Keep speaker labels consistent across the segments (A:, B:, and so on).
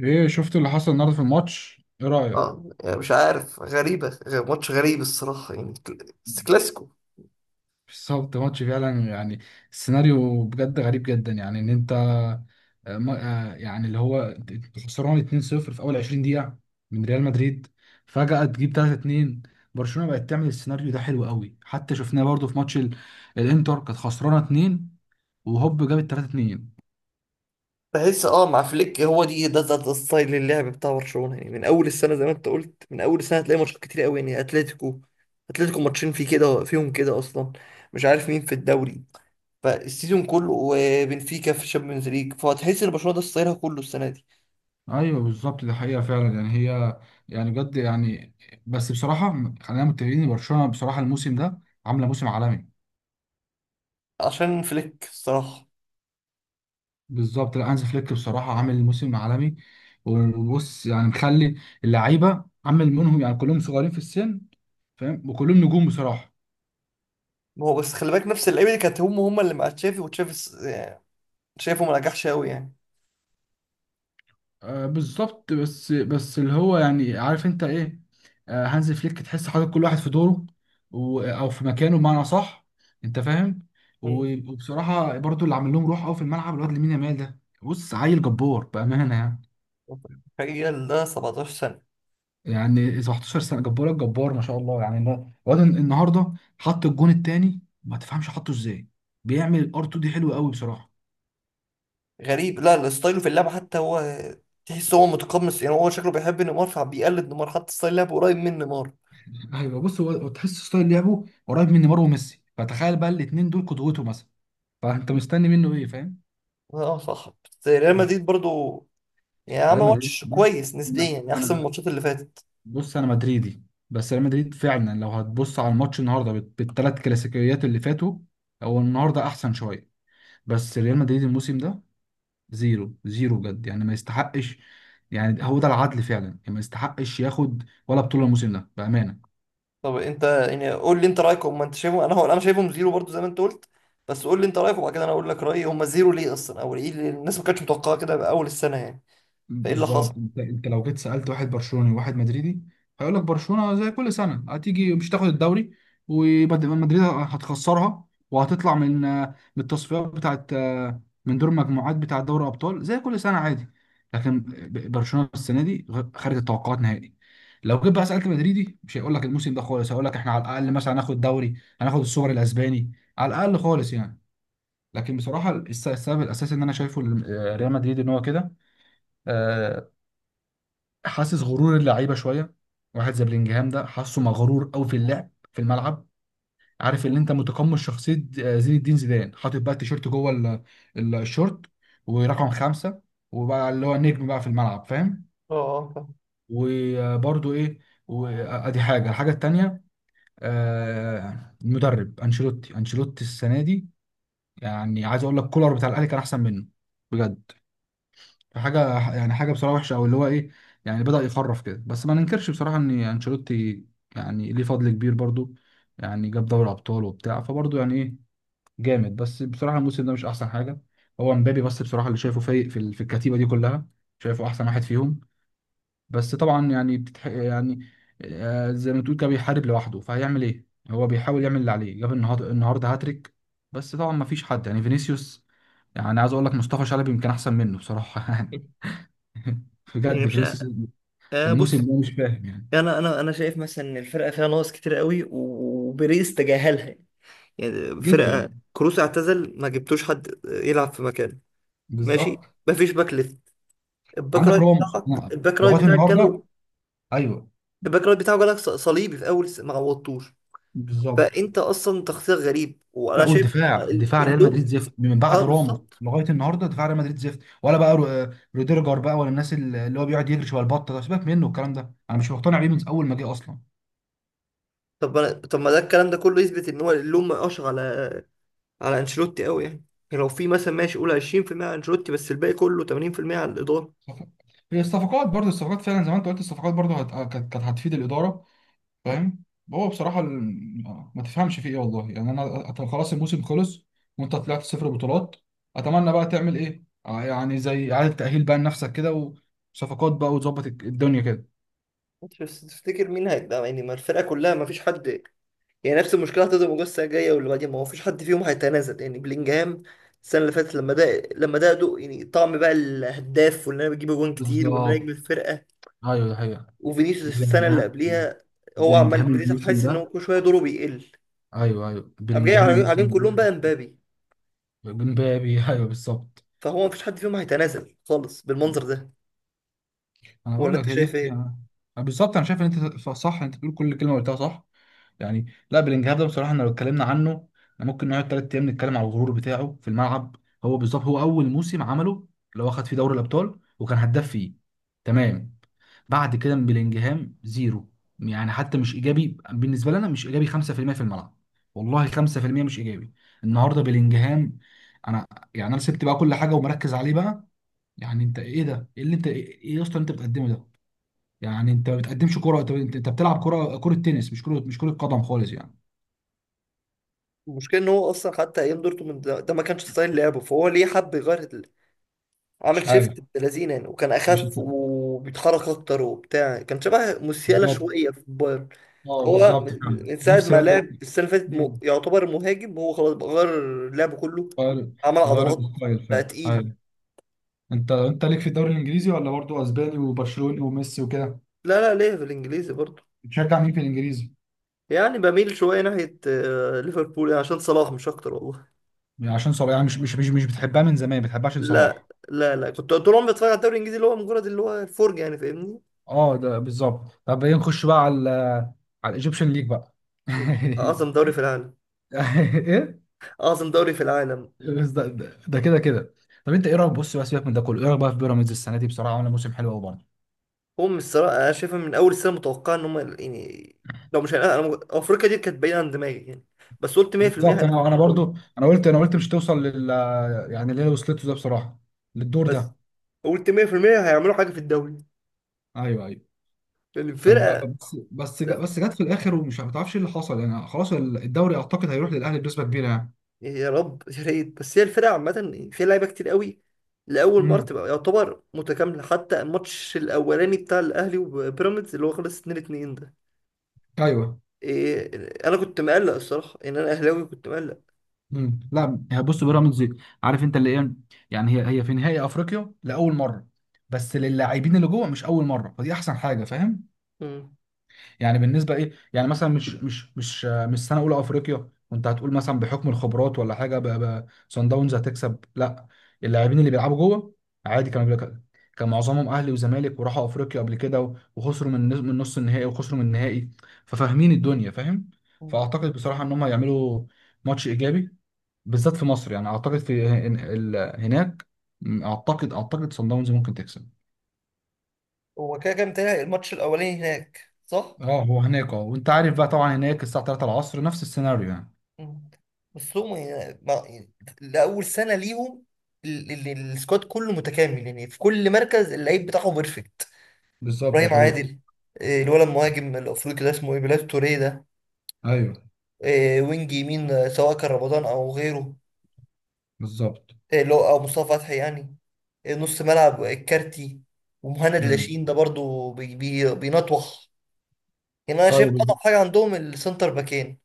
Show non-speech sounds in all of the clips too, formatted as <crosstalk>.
A: ايه شفت اللي حصل النهارده في الماتش؟ ايه رأيك؟
B: اه يعني مش عارف غريبة ماتش غريب الصراحة يعني بس كلاسيكو.
A: بالظبط، ماتش فعلا يعني السيناريو بجد غريب جدا. يعني ان انت يعني اللي هو انت خسران 2-0 في اول 20 دقيقة من ريال مدريد، فجأة تجيب 3-2. برشلونة بقت تعمل السيناريو ده حلو قوي، حتى شفناه برضو في ماتش الانتر. كانت خسرانة 2 وهوب جابت 3-2.
B: بحس مع فليك هو ده ستايل اللعب بتاع برشلونة، يعني من أول السنة زي ما أنت قلت. من أول السنة هتلاقي ماتشات كتير قوي، يعني أتلتيكو، ماتشين في كده فيهم كده أصلا. مش عارف مين في الدوري فالسيزون كله، وبنفيكا في الشامبيونز ليج. فهتحس إن برشلونة ده ستايلها كله السنة دي.
A: ايوه بالظبط دي حقيقة فعلا يعني هي يعني بجد يعني. بس بصراحة خلينا متفقين ان برشلونة بصراحة الموسم ده عاملة موسم عالمي.
B: عشان فليك الصراحة.
A: بالظبط، لا، هانز فليك بصراحه عامل موسم عالمي. وبص يعني مخلي اللعيبه عامل منهم يعني كلهم صغيرين في السن، فاهم، وكلهم نجوم بصراحه.
B: ما هو بس خلي بالك نفس اللعيبة دي كانت هم اللي مع تشافي، وتشافي يعني شايفه ما نجحش قوي يعني.
A: آه بالظبط. بس اللي هو يعني عارف انت ايه، آه هانز فليك تحس حاطط كل واحد في دوره او في مكانه بمعنى صح، انت فاهم. وبصراحه برضو اللي عامل لهم روح قوي في الملعب الواد لامين يامال ده. بص، عيل جبار بامانه يعني.
B: تخيل ده 17 سنة.
A: يعني 17 سنه جبار الجبار ما شاء الله. يعني الواد النهارده حط الجون التاني ما تفهمش حطه ازاي. بيعمل الار 2 دي حلوه قوي بصراحه.
B: غريب. لا لا، ستايله في اللعبة حتى هو تحس هو متقمص، يعني هو شكله بيحب نيمار فبيقلد نيمار، حتى ستايل لعبه قريب من نيمار.
A: ايوه بص، هو تحس ستايل لعبه قريب من نيمار وميسي. فتخيل بقى الاثنين دول قدوته مثلا، فانت مستني منه ايه، فاهم.
B: اه صح، بس ريال
A: بف-
B: مدريد برضو يعني عمل
A: ريال مدريد <laughs>
B: ماتش
A: بص
B: كويس نسبيا،
A: لا
B: يعني احسن من
A: انا،
B: الماتشات اللي فاتت.
A: بص انا مدريدي. بس ريال مدريد فعلا لو هتبص على الماتش النهارده بالثلاث كلاسيكيات اللي فاتوا، هو النهارده احسن شويه. بس ريال مدريد الموسم ده زيرو زيرو بجد، يعني ما يستحقش. يعني هو ده العدل فعلا، يعني ما يستحقش ياخد ولا بطولة الموسم ده بأمانة.
B: طب انت، يعني قول لي انت رايك هم، انت شايفهم انا، هو انا شايفهم زيرو برضو زي ما انت قلت. بس قول لي انت رايك وبعد كده انا اقول لك رايي هم زيرو ليه اصلا، او ايه اللي الناس ما كانتش متوقعه كده باول السنه يعني. فايه اللي حصل.
A: بالظبط، انت لو جيت سالت واحد برشلوني وواحد مدريدي هيقول لك برشلونه زي كل سنه هتيجي مش هتاخد الدوري، ومدريد هتخسرها وهتطلع من التصفيات بتاعت، من دور المجموعات بتاع دوري ابطال زي كل سنه عادي. لكن برشلونه السنه دي خارج التوقعات نهائي. لو جيت بقى سالت مدريدي مش هيقول لك الموسم ده خالص، هيقول لك احنا على الاقل مثلا هناخد دوري، هناخد السوبر الاسباني على الاقل خالص يعني. لكن بصراحه السبب الاساسي ان انا شايفه ريال مدريد ان هو كده آه، حاسس غرور اللعيبه شويه. واحد زي بلينجهام ده حاسه مغرور قوي في اللعب في الملعب. عارف اللي انت متقمص شخصيه زين الدين زيدان، حاطط بقى التيشيرت جوه الشورت ورقم خمسه، وبقى اللي هو النجم بقى في الملعب، فاهم.
B: اه اه فاهم.
A: وبرده ايه، وادي حاجه. الحاجه التانيه المدرب انشيلوتي السنه دي يعني عايز اقول لك كولر بتاع الاهلي كان احسن منه بجد. فحاجه يعني حاجه بصراحه وحشه، او اللي هو ايه، يعني بدأ يخرف كده. بس ما ننكرش بصراحه ان انشيلوتي يعني ليه فضل كبير برضو، يعني جاب دوري ابطال وبتاع، فبرضو يعني ايه جامد. بس بصراحه الموسم ده مش احسن حاجه. هو مبابي بس بصراحه اللي شايفه فايق في في الكتيبه دي كلها، شايفه احسن واحد فيهم. بس طبعا يعني يعني زي ما تقول كده بيحارب لوحده، فهيعمل ايه، هو بيحاول يعمل اللي عليه. جاب النهارده، هاتريك. بس طبعا ما فيش حد يعني. فينيسيوس يعني عايز اقول لك مصطفى شلبي يمكن احسن منه بصراحه <laughs> <laughs>
B: يعني
A: بجد
B: مش،
A: فينيسيوس الموسم
B: بص،
A: ده مش فاهم يعني.
B: انا شايف مثلا ان الفرقه فيها ناقص كتير قوي وبيريز تجاهلها يعني. يعني
A: جدا،
B: فرقه كروس اعتزل ما جبتوش حد يلعب في مكانه. ماشي.
A: بالظبط.
B: مفيش باك ليفت. الباك
A: عندك
B: رايت
A: راموس.
B: بتاعك،
A: نعم،
B: الباك رايت
A: لغايه
B: بتاعك
A: النهارده
B: جاله.
A: ايوه
B: الباك رايت بتاعه جالك صليبي في اول ما عوضتوش.
A: بالظبط.
B: فانت اصلا تخطيط غريب،
A: لا
B: وانا شايف
A: والدفاع، دفاع ريال مدريد
B: اللوم.
A: زفت من
B: اه
A: بعد راموس
B: بالظبط.
A: لغايه النهارده. دفاع ريال مدريد زفت، ولا بقى روديرجر بقى، ولا الناس اللي هو بيقعد يجري شويه البطه ده. سيبك منه، الكلام ده انا مش مقتنع بيه من اول ما جه اصلا.
B: طب ما ده الكلام ده كله يثبت ان هو اللوم ما يقاش على على انشيلوتي قوي يعني. يعني لو في مثلا ماشي قول 20% على انشيلوتي، بس الباقي كله 80% على الاداره.
A: صفقات. هي الصفقات برضو، الصفقات فعلا زي ما انت قلت. الصفقات برضو كانت هتفيد الاداره، فاهم. هو بصراحه ما تفهمش في ايه والله يعني. خلاص الموسم خلص وانت طلعت صفر بطولات. اتمنى بقى تعمل ايه، يعني زي اعاده تاهيل بقى لنفسك كده، وصفقات بقى، وتظبط الدنيا كده.
B: انت بس تفتكر مين هيتدعم يعني؟ ما الفرقه كلها ما فيش حد، يعني نفس المشكله هتفضل موجوده السنه الجايه واللي بعديها. ما هو فيش حد فيهم هيتنازل، يعني بلينجهام السنه اللي فاتت لما ده لما ده دوق، يعني طعم بقى الهداف وان انا بجيب اجوان كتير وان انا نجم
A: بالظبط،
B: الفرقه.
A: ايوه ده حقيقة.
B: وفينيسيوس السنه اللي
A: بلينجهام
B: قبليها. هو
A: بلينجهام
B: عمال فينيسيوس
A: الموسم
B: حاسس ان هو
A: ده.
B: كل شويه دوره بيقل.
A: ايوه ايوه،
B: قام جاي
A: بلينجهام الموسم
B: عليهم كلهم
A: ده.
B: بقى مبابي.
A: امبابي، ايوه بالظبط.
B: فهو ما فيش حد فيهم هيتنازل خالص بالمنظر ده.
A: انا
B: ولا
A: بقول لك
B: انت
A: هي دي
B: شايف ايه؟
A: حقيقة. بالظبط، انا شايف ان انت صح، انت بتقول كل كلمه قلتها صح. يعني لا بلينجهام ده بصراحه احنا لو اتكلمنا عنه احنا ممكن نقعد ثلاث ايام نتكلم على الغرور بتاعه في الملعب. هو بالظبط هو اول موسم عمله اللي هو خد فيه دوري الابطال وكان هداف فيه، تمام. بعد كده من بلينجهام زيرو، يعني حتى مش ايجابي بالنسبه لنا، مش ايجابي 5% في المية في الملعب، والله 5% مش ايجابي. النهارده بلينجهام انا، يعني انا سبت بقى كل حاجه ومركز عليه بقى. يعني انت ايه ده، ايه اللي انت، ايه إيه يا اسطى اللي انت بتقدمه ده؟ يعني انت ما بتقدمش كرة. انت انت أنت بتلعب كرة تنس، مش كرة قدم خالص يعني.
B: المشكله ان هو اصلا حتى ايام دورتموند ده ما كانش ستايل لعبه، فهو ليه حب يغير؟ عامل
A: مش عارف.
B: شيفت بلازينة يعني، وكان
A: مش
B: اخف
A: الت-
B: وبيتحرك اكتر وبتاع، كان شبه موسيالا
A: بالظبط،
B: شويه في البايرن.
A: اه
B: هو
A: بالظبط فعلا
B: من ساعه
A: نفس
B: ما
A: الواد ده.
B: لعب السنه اللي فاتت
A: مم.
B: يعتبر مهاجم. هو خلاص بقى غير لعبه كله.
A: غير
B: عمل
A: غير
B: عضلات،
A: الستايل
B: بقى
A: فعلا،
B: تقيل.
A: ايوه. انت ليك في الدوري الانجليزي، ولا برضه اسباني وبرشلوني وميسي وكده؟
B: لا لا، ليه في الانجليزي برضه.
A: بتشجع مين في الانجليزي؟
B: يعني بميل شويه ناحيه ليفربول، يعني عشان صلاح مش اكتر والله.
A: يعني عشان صلاح يعني. مش بتحبها من زمان، بتحبها عشان
B: لا
A: صلاح.
B: لا لا، كنت طول عمري بتفرج على الدوري الانجليزي، اللي هو مجرد اللي هو الفرجه يعني فاهمني.
A: اه ده بالظبط. طب ايه، نخش بقى على الايجيبشن ليج بقى
B: اعظم
A: <laughs>
B: دوري في العالم.
A: ايه؟
B: اعظم دوري في العالم.
A: بس ده ده ده كده كده. طب انت ايه رايك، بص بقى سيبك من ده كله، ايه رايك بقى في بيراميدز السنه دي؟ بصراحه عامله موسم حلو قوي برضه.
B: هو من الصراحة أنا شايفها من أول السنة متوقعة إن هم يعني، لو مش هنقل أنا، أفريقيا دي كانت بعيدة عن دماغي يعني. بس قلت 100%
A: بالظبط،
B: هنعمل في
A: انا
B: الدوري.
A: برضه، انا قلت مش توصل يعني اللي هي وصلته ده بصراحه، للدور
B: بس
A: ده.
B: قلت 100% هيعملوا حاجة في الدوري،
A: ايوه ايوه.
B: لأن
A: طب
B: الفرقة... لا،
A: بس جت في الاخر ومش، ما تعرفش ايه اللي حصل يعني. خلاص الدوري اعتقد هيروح للاهلي بنسبه كبيره يعني.
B: يا رب يا ريت. بس هي الفرقة عامة فيها لعيبة كتير قوي، لأول مرة
A: امم
B: تبقى يعتبر متكاملة. حتى الماتش الأولاني بتاع الأهلي وبيراميدز اللي هو خلص 2-2 ده،
A: ايوه.
B: إيه، أنا كنت مقلق الصراحة، إن أنا أهلاوي كنت مقلق.
A: لا هي بص بيراميدز، عارف انت اللي ايه، يعني هي في نهائي افريقيا لاول مره، بس للاعبين اللي جوه مش اول مره، فدي احسن حاجه فاهم.
B: مم.
A: يعني بالنسبه ايه يعني مثلا، مش سنه اولى افريقيا وانت هتقول مثلا بحكم الخبرات ولا حاجه صن داونز هتكسب، لا. اللاعبين اللي بيلعبوا جوه عادي كانوا بيلعبوا، كان معظمهم اهلي وزمالك وراحوا افريقيا قبل كده وخسروا من من نص النهائي وخسروا من النهائي، ففاهمين الدنيا فاهم. فاعتقد بصراحه ان هم هيعملوا ماتش ايجابي، بالذات في مصر يعني. اعتقد في هناك، اعتقد صن داونز ممكن تكسب.
B: هو كده كام تاني الماتش الأولاني هناك صح؟
A: اه، هو هناك اه. وانت عارف بقى طبعا هناك الساعه 3 العصر نفس السيناريو يعني.
B: مم. بس هم يعني لأول سنة ليهم السكواد كله متكامل، يعني في كل مركز اللعيب بتاعه بيرفكت.
A: بالظبط دي
B: إبراهيم
A: حقيقة.
B: عادل، الولد المهاجم الأفريقي ده اسمه إيه بلاد توريه ده،
A: ايوه
B: وينج يمين، سواء كان رمضان أو غيره،
A: بالظبط.
B: اللي هو أو مصطفى فتحي يعني، نص ملعب، الكارتي، ومهند
A: امم
B: لاشين ده برضو بي بي بينطوح. يعني أنا شايف أضعف
A: طيب.
B: حاجة عندهم السنتر باكين.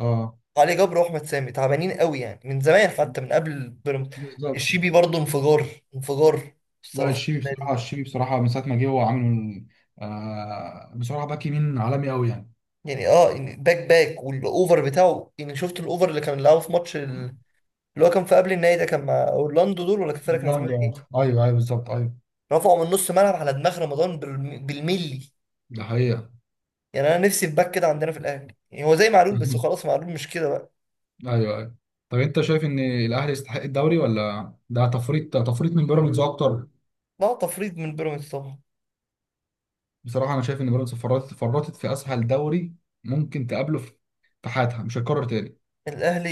A: اه
B: علي جبر واحمد سامي تعبانين قوي يعني من زمان، حتى من قبل بيراميدز.
A: بالظبط.
B: الشيبي برضه انفجار انفجار
A: لا
B: الصراحه
A: الشيبي
B: السنه
A: بصراحة،
B: دي.
A: الشيبي بصراحة من ساعة ما جه هو عامل بصراحة باك يمين عالمي قوي يعني.
B: يعني اه، يعني باك والاوفر بتاعه، يعني شفت الاوفر اللي كان لعبه في ماتش اللي هو كان في قبل النهائي ده، كان مع اورلاندو دول، ولا كان فرقه كانت اسمها
A: جامد، اه
B: ايه.
A: ايوه ايوه بالظبط. ايوه
B: رفعوا من نص ملعب على دماغ رمضان بالملي.
A: ده حقيقة
B: يعني انا نفسي في باك كده عندنا في الاهلي، يعني هو زي معلول، بس خلاص
A: <laughs>
B: معلول مش كده بقى.
A: ايوه ايوه. طب انت شايف ان الاهلي يستحق الدوري، ولا ده تفريط، من بيراميدز اكتر؟
B: لا تفريط من بيراميدز طبعا.
A: بصراحة انا شايف ان بيراميدز فرطت، في اسهل دوري ممكن تقابله في حياتها، مش هيتكرر تاني.
B: الاهلي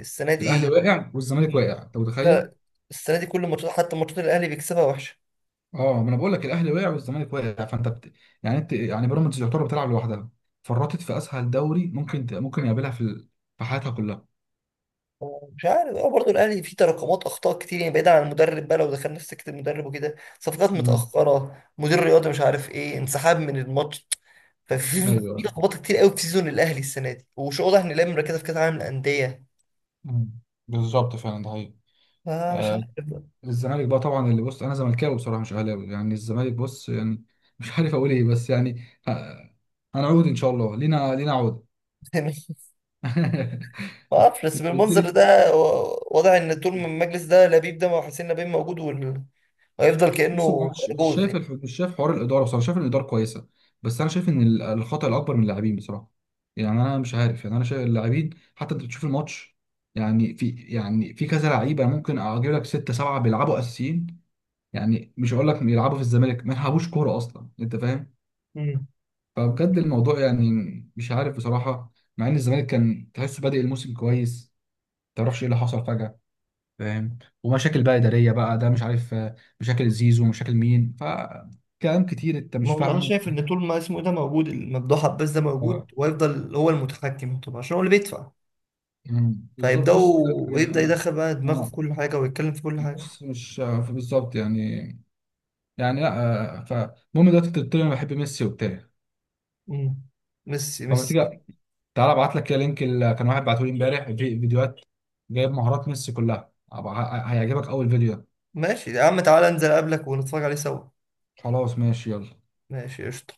B: السنه
A: الاهلي
B: دي.
A: واقع والزمالك
B: مم.
A: واقع، انت متخيل؟
B: لا، السنه دي كل ماتشات حتى ماتشات الاهلي بيكسبها وحشه.
A: اه ما انا بقول لك الاهلي وقع والزمالك وقع، يعني انت يعني بيراميدز يعتبر بتلعب لوحدها. فرطت في اسهل دوري ممكن ممكن يقابلها في في حياتها كلها.
B: مش عارف. هو برضه الاهلي فيه تراكمات اخطاء كتير يعني، بعيدا عن المدرب بقى لو دخلنا في سكه المدرب وكده، صفقات
A: مم.
B: متاخره، مدير رياضي مش عارف ايه، انسحاب من الماتش. ففي
A: ايوه.
B: لخبطه كتير قوي في سيزون الاهلي السنه دي، ومش واضح ان الاهلي مركزه في كاس العالم للانديه.
A: مم، بالظبط فعلا ده حقيقي.
B: فمش
A: آه
B: عارف بقى.
A: الزمالك بقى طبعا اللي، بص انا زملكاوي بصراحه مش اهلاوي يعني. الزمالك بص يعني <laughs> مش عارف اقول ايه، بس يعني هنعود ان شاء الله، لينا لينا عود
B: <laughs>
A: <laughs>
B: ما اعرفش، بس
A: انت قلت
B: بالمنظر
A: لي
B: ده واضح ان طول ما المجلس ده لبيب ده وحسين لبيب موجود وهيفضل
A: بص، هو
B: كانه
A: مش
B: جوز
A: شايف
B: يعني.
A: مش شايف حوار الاداره بصراحه، شايف ان الاداره كويسه. بس انا شايف ان الخطا الاكبر من اللاعبين بصراحه. يعني انا مش عارف يعني، انا شايف اللاعبين، حتى انت بتشوف الماتش، يعني في يعني في كذا لعيبه ممكن اجيب لك سته سبعه بيلعبوا اساسيين، يعني مش هقول لك بيلعبوا في الزمالك، ما يلعبوش كوره اصلا انت فاهم.
B: مم.
A: فبجد الموضوع يعني مش عارف بصراحه. مع ان الزمالك كان تحسه بادئ الموسم كويس، ما تعرفش ايه اللي حصل فجاه، فاهم. ومشاكل بقى إدارية بقى ده، مش عارف، مشاكل زيزو ومشاكل مين، كلام كتير أنت
B: ما
A: مش
B: هو انا
A: فاهمه.
B: شايف ان طول ما اسمه ده موجود الممدوح عباس ده موجود،
A: آه،
B: ويفضل هو المتحكم طبعا عشان هو اللي بيدفع،
A: مم، بالظبط بص،
B: فيبداوا
A: يعني
B: يبدا يدخل بقى دماغه في
A: آه،
B: كل حاجه ويتكلم في كل حاجه.
A: بص مش بالظبط يعني، لا فالمهم دلوقتي أنت قلت لي أنا بحب ميسي وبتاع،
B: امم ميسي
A: فما
B: ميسي.
A: تيجي تعالى أبعت لك كده لينك اللي كان واحد بعته لي إمبارح، في فيديوهات جايب مهارات ميسي كلها. هيعجبك أول فيديو ده.
B: ماشي يا عم، تعالى انزل اقابلك ونتفرج عليه سوا.
A: خلاص ماشي يلا.
B: ماشي قشطة.